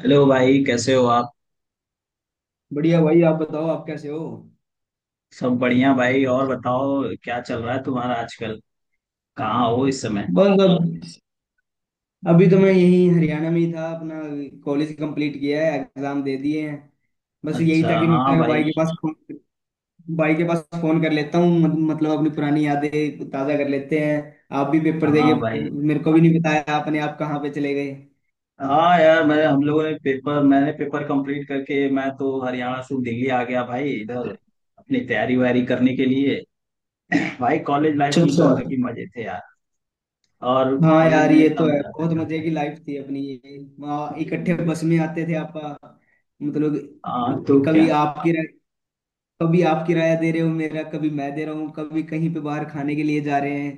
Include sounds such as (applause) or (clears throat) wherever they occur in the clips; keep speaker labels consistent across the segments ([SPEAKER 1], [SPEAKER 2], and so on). [SPEAKER 1] Hello भाई कैसे हो आप।
[SPEAKER 2] बढ़िया भाई। आप बताओ, आप कैसे हो?
[SPEAKER 1] सब बढ़िया भाई। और बताओ क्या चल रहा है तुम्हारा आजकल। कहाँ हो इस समय।
[SPEAKER 2] बस अब, अभी तो मैं यही हरियाणा में ही था अपना। कॉलेज कंप्लीट किया है, एग्जाम दे दिए हैं। बस यही
[SPEAKER 1] अच्छा,
[SPEAKER 2] था कि
[SPEAKER 1] हाँ
[SPEAKER 2] मैं भाई
[SPEAKER 1] भाई।
[SPEAKER 2] के पास फोन भाई के पास फोन कर लेता हूँ। मतलब अपनी पुरानी यादें ताजा कर लेते हैं। आप भी पेपर दे के
[SPEAKER 1] हाँ भाई।
[SPEAKER 2] मेरे को भी नहीं बताया आपने, आप कहाँ पे चले गए?
[SPEAKER 1] हाँ यार, मैं हम लोगों ने पेपर मैंने पेपर कंप्लीट करके मैं तो हरियाणा से दिल्ली आ गया भाई इधर अपनी तैयारी वैयारी करने के लिए। (clears throat) भाई कॉलेज लाइफ
[SPEAKER 2] अच्छा
[SPEAKER 1] में तो
[SPEAKER 2] अच्छा।
[SPEAKER 1] अलग ही मजे थे यार। और
[SPEAKER 2] हाँ
[SPEAKER 1] कॉलेज
[SPEAKER 2] यार,
[SPEAKER 1] में
[SPEAKER 2] ये
[SPEAKER 1] इतना
[SPEAKER 2] तो है,
[SPEAKER 1] मजा आता
[SPEAKER 2] बहुत मजे
[SPEAKER 1] था।
[SPEAKER 2] की लाइफ थी अपनी। ये वहाँ इकट्ठे बस में आते थे आप। मतलब
[SPEAKER 1] हाँ तो
[SPEAKER 2] कभी
[SPEAKER 1] क्या।
[SPEAKER 2] आपकी, कभी आप किराया दे रहे हो मेरा, कभी मैं दे रहा हूँ, कभी कहीं पे बाहर खाने के लिए जा रहे हैं।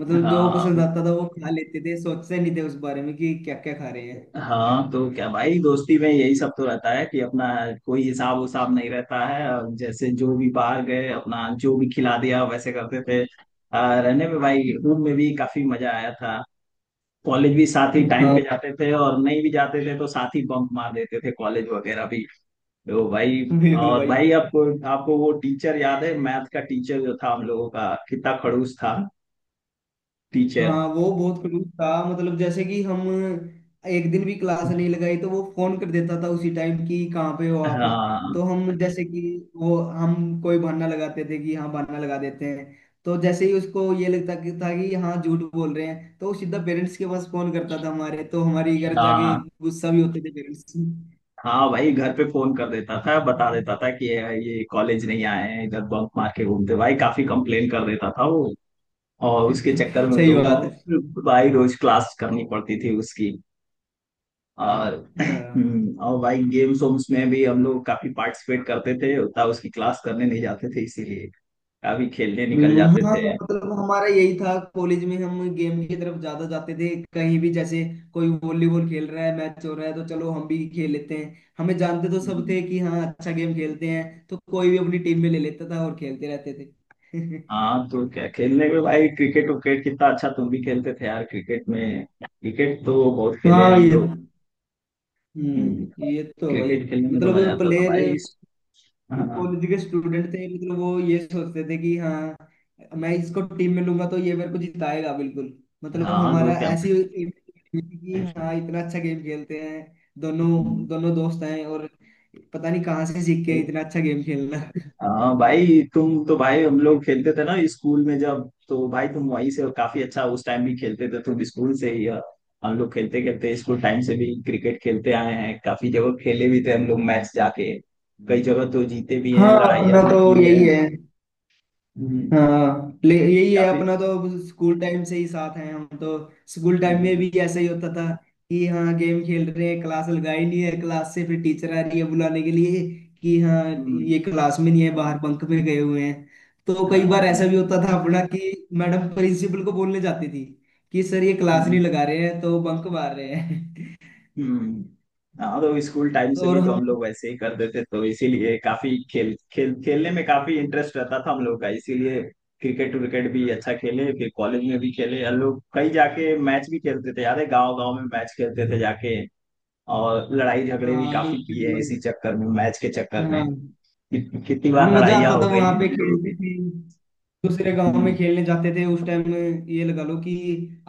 [SPEAKER 2] मतलब जो पसंद
[SPEAKER 1] हाँ।
[SPEAKER 2] आता था वो खा लेते थे, सोचते नहीं थे उस बारे में कि क्या क्या खा रहे हैं।
[SPEAKER 1] हाँ तो क्या भाई, दोस्ती में यही सब तो रहता है कि अपना कोई हिसाब उसाब नहीं रहता है, और जैसे जो भी बाहर गए अपना जो भी खिला दिया वैसे करते थे। रहने में भाई रूम में भी काफी मजा आया था। कॉलेज भी साथ ही टाइम
[SPEAKER 2] हाँ।
[SPEAKER 1] पे जाते थे, और नहीं भी जाते थे तो साथ ही बंक मार देते थे कॉलेज वगैरह भी। तो भाई।
[SPEAKER 2] (laughs) बिल्कुल
[SPEAKER 1] और
[SPEAKER 2] भाई।
[SPEAKER 1] भाई आपको आपको वो टीचर याद है, मैथ का टीचर जो था हम लोगों का कितना खड़ूस था टीचर।
[SPEAKER 2] हाँ वो बहुत क्लोज था, मतलब जैसे कि हम एक दिन भी क्लास नहीं लगाई तो वो फोन कर देता था उसी टाइम कि कहाँ पे हो आप।
[SPEAKER 1] हाँ
[SPEAKER 2] तो हम जैसे कि वो हम कोई बहाना लगाते थे कि हाँ बहाना लगा देते हैं। तो जैसे ही उसको ये लगता कि था कि हाँ झूठ बोल रहे हैं तो वो सीधा पेरेंट्स के पास फोन करता था हमारे, तो हमारे घर जाके
[SPEAKER 1] हाँ।
[SPEAKER 2] गुस्सा भी होते थे पेरेंट्स।
[SPEAKER 1] हाँ भाई, घर पे फोन कर देता था, बता देता था
[SPEAKER 2] (laughs)
[SPEAKER 1] कि ये कॉलेज नहीं आए हैं, इधर बंक मार के घूमते भाई, काफी कंप्लेन कर देता था वो। और उसके चक्कर में
[SPEAKER 2] सही
[SPEAKER 1] लोगों
[SPEAKER 2] बात है।
[SPEAKER 1] को भाई रोज क्लास करनी पड़ती थी उसकी। और
[SPEAKER 2] हाँ
[SPEAKER 1] और भाई गेम्स वेम्स में भी हम लोग काफी पार्टिसिपेट करते थे, उतना उसकी क्लास करने नहीं जाते थे इसीलिए, काफी खेलने निकल
[SPEAKER 2] बिल्कुल,
[SPEAKER 1] जाते
[SPEAKER 2] हाँ
[SPEAKER 1] थे।
[SPEAKER 2] मतलब हमारा यही था, कॉलेज में हम गेम की तरफ ज्यादा जाते थे। कहीं भी जैसे कोई वॉलीबॉल खेल रहा है, मैच हो रहा है तो चलो हम भी खेल लेते हैं, हमें जानते तो सब
[SPEAKER 1] हम्म।
[SPEAKER 2] थे कि हाँ अच्छा गेम खेलते हैं तो कोई भी अपनी टीम में ले लेता था और खेलते रहते थे। (laughs)
[SPEAKER 1] हाँ तो क्या खेलने में भाई, क्रिकेट विकेट कितना अच्छा तुम भी खेलते थे यार, क्रिकेट में क्रिकेट तो बहुत खेले हैं
[SPEAKER 2] हाँ
[SPEAKER 1] हम
[SPEAKER 2] ये।
[SPEAKER 1] लोग। हम्म,
[SPEAKER 2] ये तो भाई
[SPEAKER 1] क्रिकेट खेलने में तो मजा
[SPEAKER 2] मतलब
[SPEAKER 1] आता था
[SPEAKER 2] प्लेयर
[SPEAKER 1] भाई
[SPEAKER 2] तो
[SPEAKER 1] हाँ।
[SPEAKER 2] कॉलेज के स्टूडेंट थे, मतलब वो ये सोचते थे कि हाँ मैं इसको टीम में लूंगा तो ये मेरे को जिताएगा, बिल्कुल। मतलब
[SPEAKER 1] हाँ तो
[SPEAKER 2] हमारा
[SPEAKER 1] क्या।
[SPEAKER 2] ऐसी एक team थी कि हाँ इतना अच्छा गेम खेलते हैं, दोनों
[SPEAKER 1] हम्म,
[SPEAKER 2] दोनों दोस्त हैं और पता नहीं कहाँ से सीख के
[SPEAKER 1] तो-
[SPEAKER 2] इतना अच्छा गेम खेलना।
[SPEAKER 1] हाँ भाई, तुम तो भाई हम लोग खेलते थे ना स्कूल में जब, तो भाई तुम वहीं से काफी अच्छा उस टाइम भी खेलते थे, तुम स्कूल से ही हम लोग खेलते खेलते स्कूल टाइम से भी क्रिकेट खेलते आए हैं, काफी जगह खेले भी थे हम लोग मैच जाके, कई जगह तो जीते भी हैं,
[SPEAKER 2] हाँ
[SPEAKER 1] लड़ाइयाँ
[SPEAKER 2] अपना
[SPEAKER 1] भी
[SPEAKER 2] तो
[SPEAKER 1] की है।
[SPEAKER 2] यही है।
[SPEAKER 1] हम्म।
[SPEAKER 2] हाँ ले यही है
[SPEAKER 1] काफी।
[SPEAKER 2] अपना तो, स्कूल टाइम से ही साथ हैं हम तो। स्कूल टाइम में
[SPEAKER 1] हम्म।
[SPEAKER 2] भी ऐसा ही होता था कि हाँ गेम खेल रहे हैं, क्लास लगाई नहीं है, क्लास से फिर टीचर आ रही है बुलाने के लिए कि हाँ
[SPEAKER 1] हम्म।
[SPEAKER 2] ये क्लास में नहीं है, बाहर बंक में गए हुए हैं। तो कई बार
[SPEAKER 1] हाँ।
[SPEAKER 2] ऐसा भी होता था अपना कि मैडम प्रिंसिपल को बोलने जाती थी कि सर ये क्लास
[SPEAKER 1] हम्म।
[SPEAKER 2] नहीं लगा रहे हैं तो बंक मार रहे हैं।
[SPEAKER 1] हम्म। हाँ तो स्कूल टाइम
[SPEAKER 2] (laughs) तो
[SPEAKER 1] से
[SPEAKER 2] और
[SPEAKER 1] भी तो
[SPEAKER 2] हम।
[SPEAKER 1] हम लोग वैसे ही करते थे, तो इसीलिए काफी खेल खेल खेलने में काफी इंटरेस्ट रहता था हम लोग का, इसीलिए क्रिकेट विकेट भी अच्छा खेले, फिर कॉलेज में भी खेले हम लोग, कहीं जाके मैच भी खेलते थे, याद है गांव गांव में मैच खेलते थे जाके। और लड़ाई झगड़े भी
[SPEAKER 2] हाँ
[SPEAKER 1] काफी किए हैं
[SPEAKER 2] बिल्कुल।
[SPEAKER 1] इसी चक्कर में, मैच के चक्कर में
[SPEAKER 2] हाँ
[SPEAKER 1] कितनी
[SPEAKER 2] हाँ
[SPEAKER 1] बार
[SPEAKER 2] मजा
[SPEAKER 1] लड़ाइयाँ
[SPEAKER 2] आता
[SPEAKER 1] हो
[SPEAKER 2] था,
[SPEAKER 1] गई (laughs)
[SPEAKER 2] वहां
[SPEAKER 1] हैं
[SPEAKER 2] पे
[SPEAKER 1] हम लोगों
[SPEAKER 2] खेलते
[SPEAKER 1] की।
[SPEAKER 2] थे, दूसरे गांव
[SPEAKER 1] हम्म।
[SPEAKER 2] में खेलने जाते थे उस टाइम। ये लगा लो कि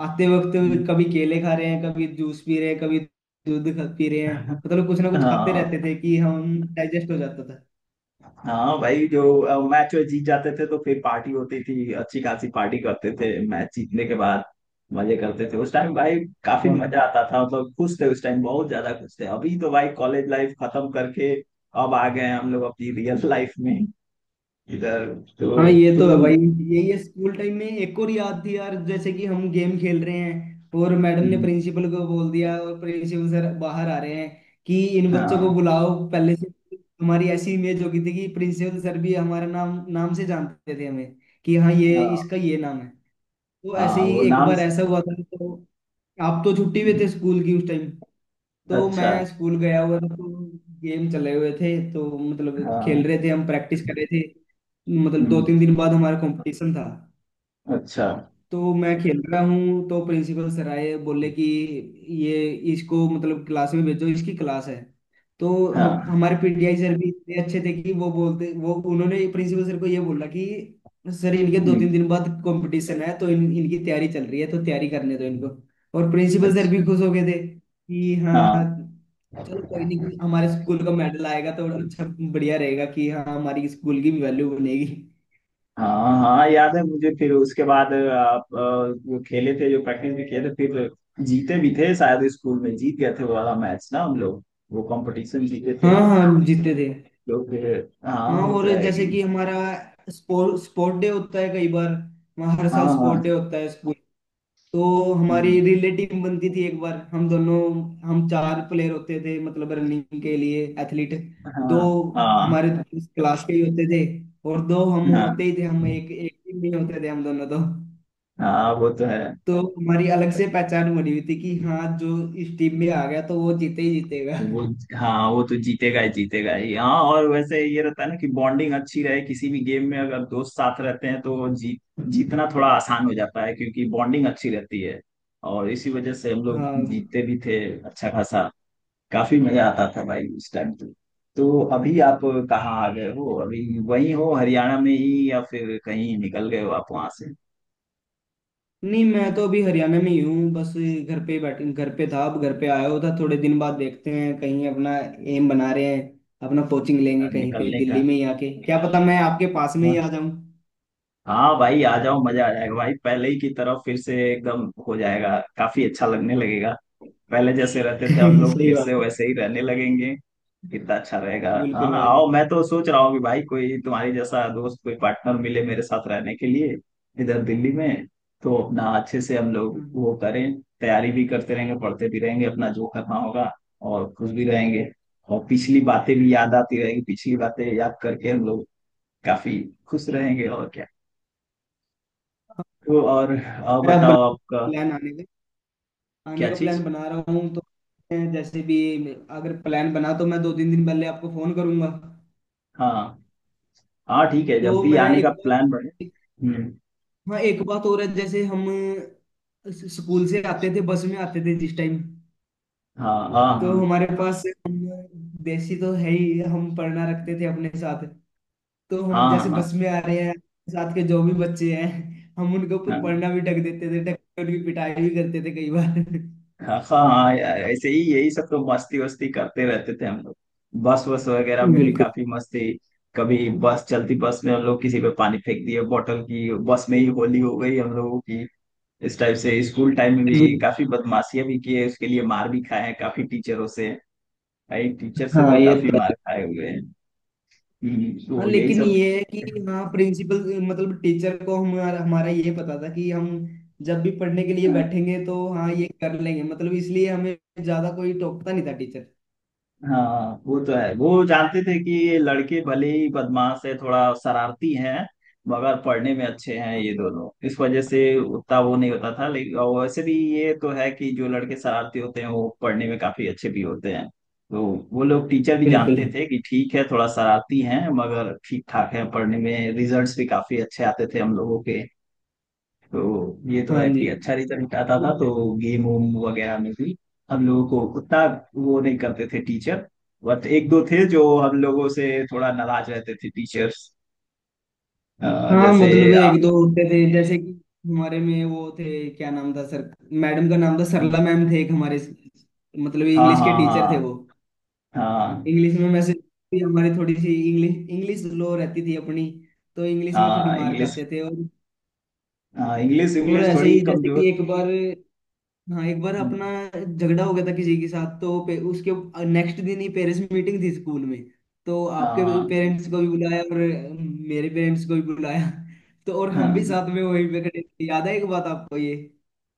[SPEAKER 2] आते वक्त
[SPEAKER 1] हम्म।
[SPEAKER 2] कभी केले खा रहे हैं, कभी जूस पी रहे हैं, कभी दूध पी रहे हैं। मतलब कुछ ना कुछ खाते
[SPEAKER 1] हाँ,
[SPEAKER 2] रहते थे कि हम डाइजेस्ट हो जाता
[SPEAKER 1] हाँ भाई, जो मैच वैच जीत जाते थे तो फिर पार्टी होती थी, अच्छी खासी पार्टी करते थे मैच जीतने के बाद, मजे करते थे उस टाइम भाई। काफी
[SPEAKER 2] था।
[SPEAKER 1] मजा आता था, मतलब खुश थे उस टाइम, बहुत ज्यादा खुश थे। अभी तो भाई कॉलेज लाइफ खत्म करके अब आ गए हैं हम लोग अपनी रियल (laughs) लाइफ में इधर।
[SPEAKER 2] हाँ
[SPEAKER 1] तो
[SPEAKER 2] ये तो है
[SPEAKER 1] तुम।
[SPEAKER 2] भाई। यही है स्कूल टाइम में एक और याद थी यार, जैसे कि हम गेम खेल रहे हैं और मैडम ने
[SPEAKER 1] हम्म।
[SPEAKER 2] प्रिंसिपल को बोल दिया और प्रिंसिपल सर बाहर आ रहे हैं कि इन बच्चों को
[SPEAKER 1] हाँ,
[SPEAKER 2] बुलाओ पहले से। हमारी ऐसी इमेज हो गई थी कि प्रिंसिपल सर भी हमारा नाम नाम से जानते थे हमें कि हाँ ये
[SPEAKER 1] हाँ,
[SPEAKER 2] इसका ये नाम है। वो ऐसे
[SPEAKER 1] हाँ।
[SPEAKER 2] ही
[SPEAKER 1] वो
[SPEAKER 2] एक
[SPEAKER 1] नाम
[SPEAKER 2] बार
[SPEAKER 1] से।
[SPEAKER 2] ऐसा हुआ था तो आप तो छुट्टी पे
[SPEAKER 1] हम्म।
[SPEAKER 2] थे स्कूल की उस टाइम। तो
[SPEAKER 1] अच्छा।
[SPEAKER 2] मैं स्कूल गया हुआ था तो गेम चले हुए थे तो मतलब
[SPEAKER 1] हाँ।
[SPEAKER 2] खेल रहे थे, हम प्रैक्टिस कर रहे थे। मतलब दो
[SPEAKER 1] हम्म।
[SPEAKER 2] तीन दिन बाद हमारा कंपटीशन था।
[SPEAKER 1] अच्छा।
[SPEAKER 2] तो मैं खेल रहा हूँ तो प्रिंसिपल सर आए, बोले कि ये इसको मतलब क्लास में भेजो, इसकी क्लास है। तो हम
[SPEAKER 1] हाँ।
[SPEAKER 2] हमारे पीटीआई सर भी इतने अच्छे थे कि वो बोलते वो उन्होंने प्रिंसिपल सर को ये बोला कि सर इनके दो
[SPEAKER 1] हम्म।
[SPEAKER 2] तीन दिन बाद कंपटीशन है तो इन इनकी तैयारी चल रही है, तो तैयारी करने दो इनको। और प्रिंसिपल सर
[SPEAKER 1] अच्छा।
[SPEAKER 2] भी खुश हो गए थे कि हाँ
[SPEAKER 1] हाँ,
[SPEAKER 2] चलो कोई नहीं, हमारे स्कूल का मेडल आएगा तो अच्छा बढ़िया रहेगा कि हाँ हमारी स्कूल की वैल्यू बनेगी।
[SPEAKER 1] हाँ, हाँ याद है मुझे। फिर उसके बाद आप वो खेले थे, जो प्रैक्टिस भी किए थे फिर, जीते भी थे शायद स्कूल में, जीत गए थे वो वाला मैच ना हम लोग, वो कंपटीशन जीते
[SPEAKER 2] हाँ
[SPEAKER 1] थे।
[SPEAKER 2] हाँ जीते थे।
[SPEAKER 1] तो फिर। हाँ
[SPEAKER 2] हाँ
[SPEAKER 1] वो तो
[SPEAKER 2] और
[SPEAKER 1] है
[SPEAKER 2] जैसे
[SPEAKER 1] कि।
[SPEAKER 2] कि हमारा स्पोर्ट स्पोर्ट डे होता है कई बार, वहाँ हर
[SPEAKER 1] हाँ।
[SPEAKER 2] साल
[SPEAKER 1] हाँ।
[SPEAKER 2] स्पोर्ट डे होता है स्कूल। तो हमारी
[SPEAKER 1] हम्म।
[SPEAKER 2] रिले टीम बनती थी एक बार, हम दोनों हम चार प्लेयर होते थे, मतलब रनिंग के लिए एथलीट।
[SPEAKER 1] हाँ।
[SPEAKER 2] दो
[SPEAKER 1] हाँ।
[SPEAKER 2] हमारे क्लास के ही होते थे और दो हम
[SPEAKER 1] हाँ।
[SPEAKER 2] होते ही थे, हम एक एक टीम में होते थे, हम दोनों तो।
[SPEAKER 1] हाँ वो तो है
[SPEAKER 2] तो हमारी अलग से पहचान बनी हुई थी कि हाँ जो इस टीम में आ गया तो वो जीते ही जीतेगा।
[SPEAKER 1] वो। हाँ वो तो जीतेगा ही, जीतेगा ही। हाँ, और वैसे ये रहता है ना कि बॉन्डिंग अच्छी रहे, किसी भी गेम में अगर दोस्त साथ रहते हैं तो जीतना थोड़ा आसान हो जाता है, क्योंकि बॉन्डिंग अच्छी रहती है। और इसी वजह से हम लोग
[SPEAKER 2] हाँ।
[SPEAKER 1] जीतते भी थे अच्छा खासा। काफी मजा आता था भाई उस टाइम तो। तो अभी आप कहाँ आ गए हो, अभी वहीं हो हरियाणा में ही, या फिर कहीं निकल गए हो आप वहां से
[SPEAKER 2] नहीं, मैं तो अभी हरियाणा में ही हूँ, बस घर पे बैठ घर पे था, अब घर पे आया हुआ था। थोड़े दिन बाद देखते हैं कहीं अपना एम बना रहे हैं अपना, कोचिंग लेंगे कहीं पे
[SPEAKER 1] निकलने का।
[SPEAKER 2] दिल्ली में ही आके, क्या पता मैं आपके पास में ही
[SPEAKER 1] हाँ,
[SPEAKER 2] आ जाऊं।
[SPEAKER 1] हाँ भाई आ जाओ, मजा आ जाएगा भाई, पहले ही की तरह फिर से एकदम हो जाएगा, काफी अच्छा लगने लगेगा। पहले जैसे रहते थे हम
[SPEAKER 2] (laughs)
[SPEAKER 1] लोग
[SPEAKER 2] सही
[SPEAKER 1] फिर से
[SPEAKER 2] बात है।
[SPEAKER 1] वैसे ही रहने लगेंगे। कितना अच्छा रहेगा, हाँ
[SPEAKER 2] बिल्कुल भाई।
[SPEAKER 1] आओ, मैं तो सोच रहा हूँ कि भाई कोई तुम्हारे जैसा दोस्त, कोई पार्टनर मिले मेरे साथ रहने के लिए इधर दिल्ली में। तो अपना अच्छे से हम लोग
[SPEAKER 2] हम्म।
[SPEAKER 1] वो करें, तैयारी भी करते रहेंगे, पढ़ते भी रहेंगे, अपना जो करना होगा, और खुश भी रहेंगे, और पिछली बातें भी याद आती रहेगी, पिछली बातें याद करके हम लोग काफी खुश रहेंगे और क्या। तो और
[SPEAKER 2] मैं अब बना
[SPEAKER 1] बताओ आपका
[SPEAKER 2] प्लान आने
[SPEAKER 1] क्या
[SPEAKER 2] का प्लान
[SPEAKER 1] चीज।
[SPEAKER 2] बना रहा हूँ, तो मैं जैसे भी अगर प्लान बना तो मैं दो तीन दिन पहले आपको फोन करूंगा।
[SPEAKER 1] हाँ, हाँ ठीक है, जब
[SPEAKER 2] तो
[SPEAKER 1] भी
[SPEAKER 2] मैं
[SPEAKER 1] आने का
[SPEAKER 2] एक बार।
[SPEAKER 1] प्लान बने। हम्म।
[SPEAKER 2] हाँ एक बात और है, जैसे हम स्कूल से आते थे, बस में आते थे जिस टाइम,
[SPEAKER 1] हाँ। हाँ।
[SPEAKER 2] तो
[SPEAKER 1] हाँ।
[SPEAKER 2] हमारे पास हम देसी तो है ही हम पढ़ना रखते थे अपने साथ। तो
[SPEAKER 1] हाँ।
[SPEAKER 2] हम
[SPEAKER 1] हाँ।
[SPEAKER 2] जैसे
[SPEAKER 1] हाँ।
[SPEAKER 2] बस में आ रहे हैं, साथ के जो भी बच्चे हैं हम उनके ऊपर पढ़ना भी ढक देते थे, ढक के उनकी पिटाई भी करते थे कई बार।
[SPEAKER 1] हाँ। हाँ। हाँ, यार ऐसे ही यही सब तो मस्ती वस्ती करते रहते थे हम लोग, बस वस वगैरह में भी
[SPEAKER 2] बिल्कुल
[SPEAKER 1] काफी मस्ती। कभी बस चलती बस में हम लोग किसी पे पानी फेंक दिए बोतल की, बस में ही होली हो गई हम लोगों की। इस टाइप से स्कूल टाइम में भी
[SPEAKER 2] बिल-
[SPEAKER 1] काफी बदमाशियां भी किए, उसके लिए मार भी खाए हैं काफी टीचरों से। भाई टीचर से
[SPEAKER 2] हाँ
[SPEAKER 1] तो
[SPEAKER 2] ये
[SPEAKER 1] काफी
[SPEAKER 2] तो
[SPEAKER 1] मार
[SPEAKER 2] है।
[SPEAKER 1] खाए हुए हैं।
[SPEAKER 2] हाँ
[SPEAKER 1] तो यही
[SPEAKER 2] लेकिन
[SPEAKER 1] सब।
[SPEAKER 2] ये है कि हाँ प्रिंसिपल मतलब टीचर को हमारा हमारा ये पता था कि हम जब भी पढ़ने के लिए
[SPEAKER 1] हाँ।
[SPEAKER 2] बैठेंगे तो हाँ ये कर लेंगे, मतलब इसलिए हमें ज्यादा कोई टोकता नहीं था टीचर।
[SPEAKER 1] हाँ वो तो है, वो जानते थे कि ये लड़के भले ही बदमाश है, थोड़ा शरारती हैं मगर पढ़ने में अच्छे हैं ये दोनों, इस वजह से उतना वो नहीं होता था। लेकिन और वैसे भी ये तो है कि जो लड़के शरारती होते हैं वो पढ़ने में काफी अच्छे भी होते हैं, तो वो लोग, टीचर भी
[SPEAKER 2] बिल्कुल।
[SPEAKER 1] जानते थे कि ठीक है थोड़ा शरारती हैं मगर ठीक ठाक है पढ़ने में, रिजल्ट्स भी काफी अच्छे आते थे हम लोगों के। तो ये तो
[SPEAKER 2] हाँ
[SPEAKER 1] है
[SPEAKER 2] जी।
[SPEAKER 1] कि अच्छा रिजल्ट आता था तो गेम वोम वगैरह में भी हम लोगों को उतना वो नहीं करते थे टीचर। बट एक दो थे जो हम लोगों से थोड़ा नाराज रहते थे टीचर्स।
[SPEAKER 2] हाँ
[SPEAKER 1] जैसे
[SPEAKER 2] मतलब
[SPEAKER 1] आप।
[SPEAKER 2] एक दो होते थे, जैसे कि हमारे में वो थे, क्या नाम था सर, मैडम का नाम था, सरला मैम थे एक हमारे, मतलब
[SPEAKER 1] हाँ।
[SPEAKER 2] इंग्लिश
[SPEAKER 1] हाँ।
[SPEAKER 2] के टीचर थे
[SPEAKER 1] हाँ।
[SPEAKER 2] वो।
[SPEAKER 1] हाँ।
[SPEAKER 2] इंग्लिश में वैसे भी हमारी थोड़ी सी इंग्लिश इंग्लिश लो रहती थी अपनी, तो इंग्लिश में थोड़ी
[SPEAKER 1] हाँ
[SPEAKER 2] मार
[SPEAKER 1] इंग्लिश।
[SPEAKER 2] खाते थे।
[SPEAKER 1] हाँ इंग्लिश,
[SPEAKER 2] और
[SPEAKER 1] इंग्लिश
[SPEAKER 2] ऐसे
[SPEAKER 1] थोड़ी
[SPEAKER 2] ही जैसे कि
[SPEAKER 1] कमजोर।
[SPEAKER 2] एक बार, हाँ एक बार अपना झगड़ा हो गया था किसी के साथ तो उसके नेक्स्ट दिन ही पेरेंट्स मीटिंग थी स्कूल में। तो आपके
[SPEAKER 1] हाँ।
[SPEAKER 2] पेरेंट्स को भी बुलाया और मेरे पेरेंट्स को भी बुलाया। तो और हम भी
[SPEAKER 1] हाँ।
[SPEAKER 2] साथ में वहीं पे खड़े थे, याद है एक बात आपको ये?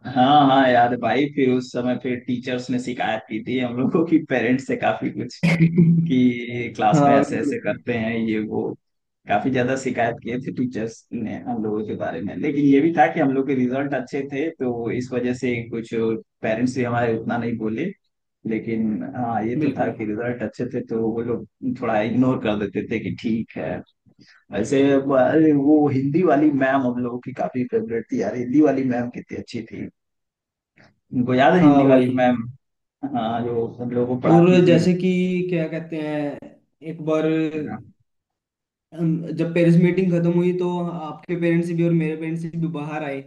[SPEAKER 1] हाँ। हाँ यार भाई फिर उस समय, फिर टीचर्स ने शिकायत की थी हम लोगों की पेरेंट्स से काफी कुछ,
[SPEAKER 2] (laughs)
[SPEAKER 1] कि क्लास में
[SPEAKER 2] हाँ
[SPEAKER 1] ऐसे ऐसे
[SPEAKER 2] बिल्कुल।
[SPEAKER 1] करते हैं ये वो, काफी ज्यादा शिकायत किए थे टीचर्स ने हम लोगों के बारे में। लेकिन ये भी था कि हम लोग के रिजल्ट अच्छे थे तो इस वजह से कुछ पेरेंट्स भी हमारे उतना नहीं बोले। लेकिन हाँ ये तो था
[SPEAKER 2] बिल्कुल।
[SPEAKER 1] कि रिजल्ट अच्छे थे तो वो लोग थोड़ा इग्नोर कर देते थे कि ठीक है। वैसे अरे वो हिंदी वाली मैम हम लोगों की काफी फेवरेट थी यार, हिंदी वाली मैम कितनी अच्छी थी, उनको याद है
[SPEAKER 2] हाँ
[SPEAKER 1] हिंदी वाली
[SPEAKER 2] वही।
[SPEAKER 1] मैम। हाँ जो हम लोगों को
[SPEAKER 2] और
[SPEAKER 1] पढ़ाती थी।
[SPEAKER 2] जैसे कि क्या कहते हैं, एक बार हम जब पेरेंट्स मीटिंग खत्म हुई तो आपके पेरेंट्स भी और मेरे पेरेंट्स भी बाहर आए।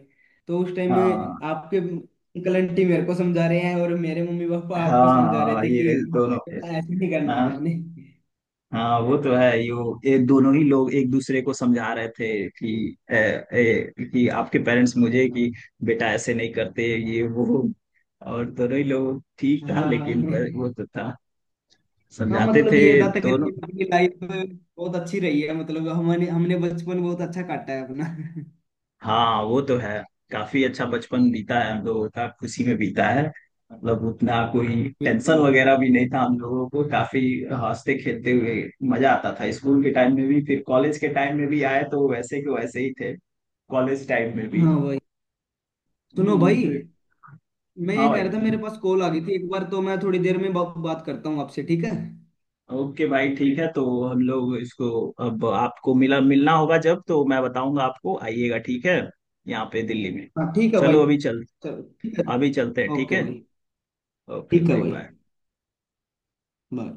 [SPEAKER 2] तो उस टाइम में
[SPEAKER 1] हाँ।
[SPEAKER 2] आपके अंकल आंटी मेरे को समझा रहे हैं और मेरे मम्मी पापा आपको
[SPEAKER 1] हाँ।
[SPEAKER 2] समझा रहे
[SPEAKER 1] हाँ
[SPEAKER 2] थे कि
[SPEAKER 1] ये दोनों।
[SPEAKER 2] बेटा ऐसे नहीं करना
[SPEAKER 1] हाँ।
[SPEAKER 2] आपने।
[SPEAKER 1] हाँ वो तो है, यो ये दोनों ही लोग एक दूसरे को समझा रहे थे कि ए, ए, कि आपके पेरेंट्स मुझे कि बेटा ऐसे नहीं करते, ये वो। और दोनों ही लोग ठीक था,
[SPEAKER 2] हाँ हाँ
[SPEAKER 1] लेकिन वो तो था,
[SPEAKER 2] हाँ।
[SPEAKER 1] समझाते
[SPEAKER 2] मतलब
[SPEAKER 1] थे
[SPEAKER 2] ये था तकरीबन
[SPEAKER 1] दोनों।
[SPEAKER 2] आपकी लाइफ बहुत अच्छी रही है, मतलब हमने हमने बचपन बहुत अच्छा काटा है अपना।
[SPEAKER 1] हाँ वो तो है, काफी अच्छा बचपन बीता है हम लोगों का, खुशी में बीता है, मतलब उतना कोई टेंशन
[SPEAKER 2] बिल्कुल।
[SPEAKER 1] वगैरह भी नहीं था हम लोगों को, काफी हंसते खेलते हुए मजा आता था स्कूल के टाइम में भी, फिर कॉलेज के टाइम में भी आए तो वैसे के वैसे ही थे, कॉलेज टाइम में भी।
[SPEAKER 2] हाँ भाई सुनो भाई,
[SPEAKER 1] फिर।
[SPEAKER 2] मैं
[SPEAKER 1] हाँ
[SPEAKER 2] ये कह
[SPEAKER 1] भाई।
[SPEAKER 2] रहा था मेरे पास कॉल आ गई थी एक बार, तो मैं थोड़ी देर में बात करता हूँ आपसे, ठीक है?
[SPEAKER 1] ओके भाई ठीक है, तो हम लोग इसको, अब आपको मिला मिलना होगा जब तो मैं बताऊंगा आपको, आइएगा ठीक है, यहाँ पे दिल्ली में।
[SPEAKER 2] हाँ ठीक है भाई।
[SPEAKER 1] चलो अभी चल।
[SPEAKER 2] चलो ठीक है।
[SPEAKER 1] अभी चलते हैं ठीक
[SPEAKER 2] ओके
[SPEAKER 1] है।
[SPEAKER 2] भाई।
[SPEAKER 1] ओके
[SPEAKER 2] ठीक है
[SPEAKER 1] भाई
[SPEAKER 2] भाई।
[SPEAKER 1] बाय।
[SPEAKER 2] बाय।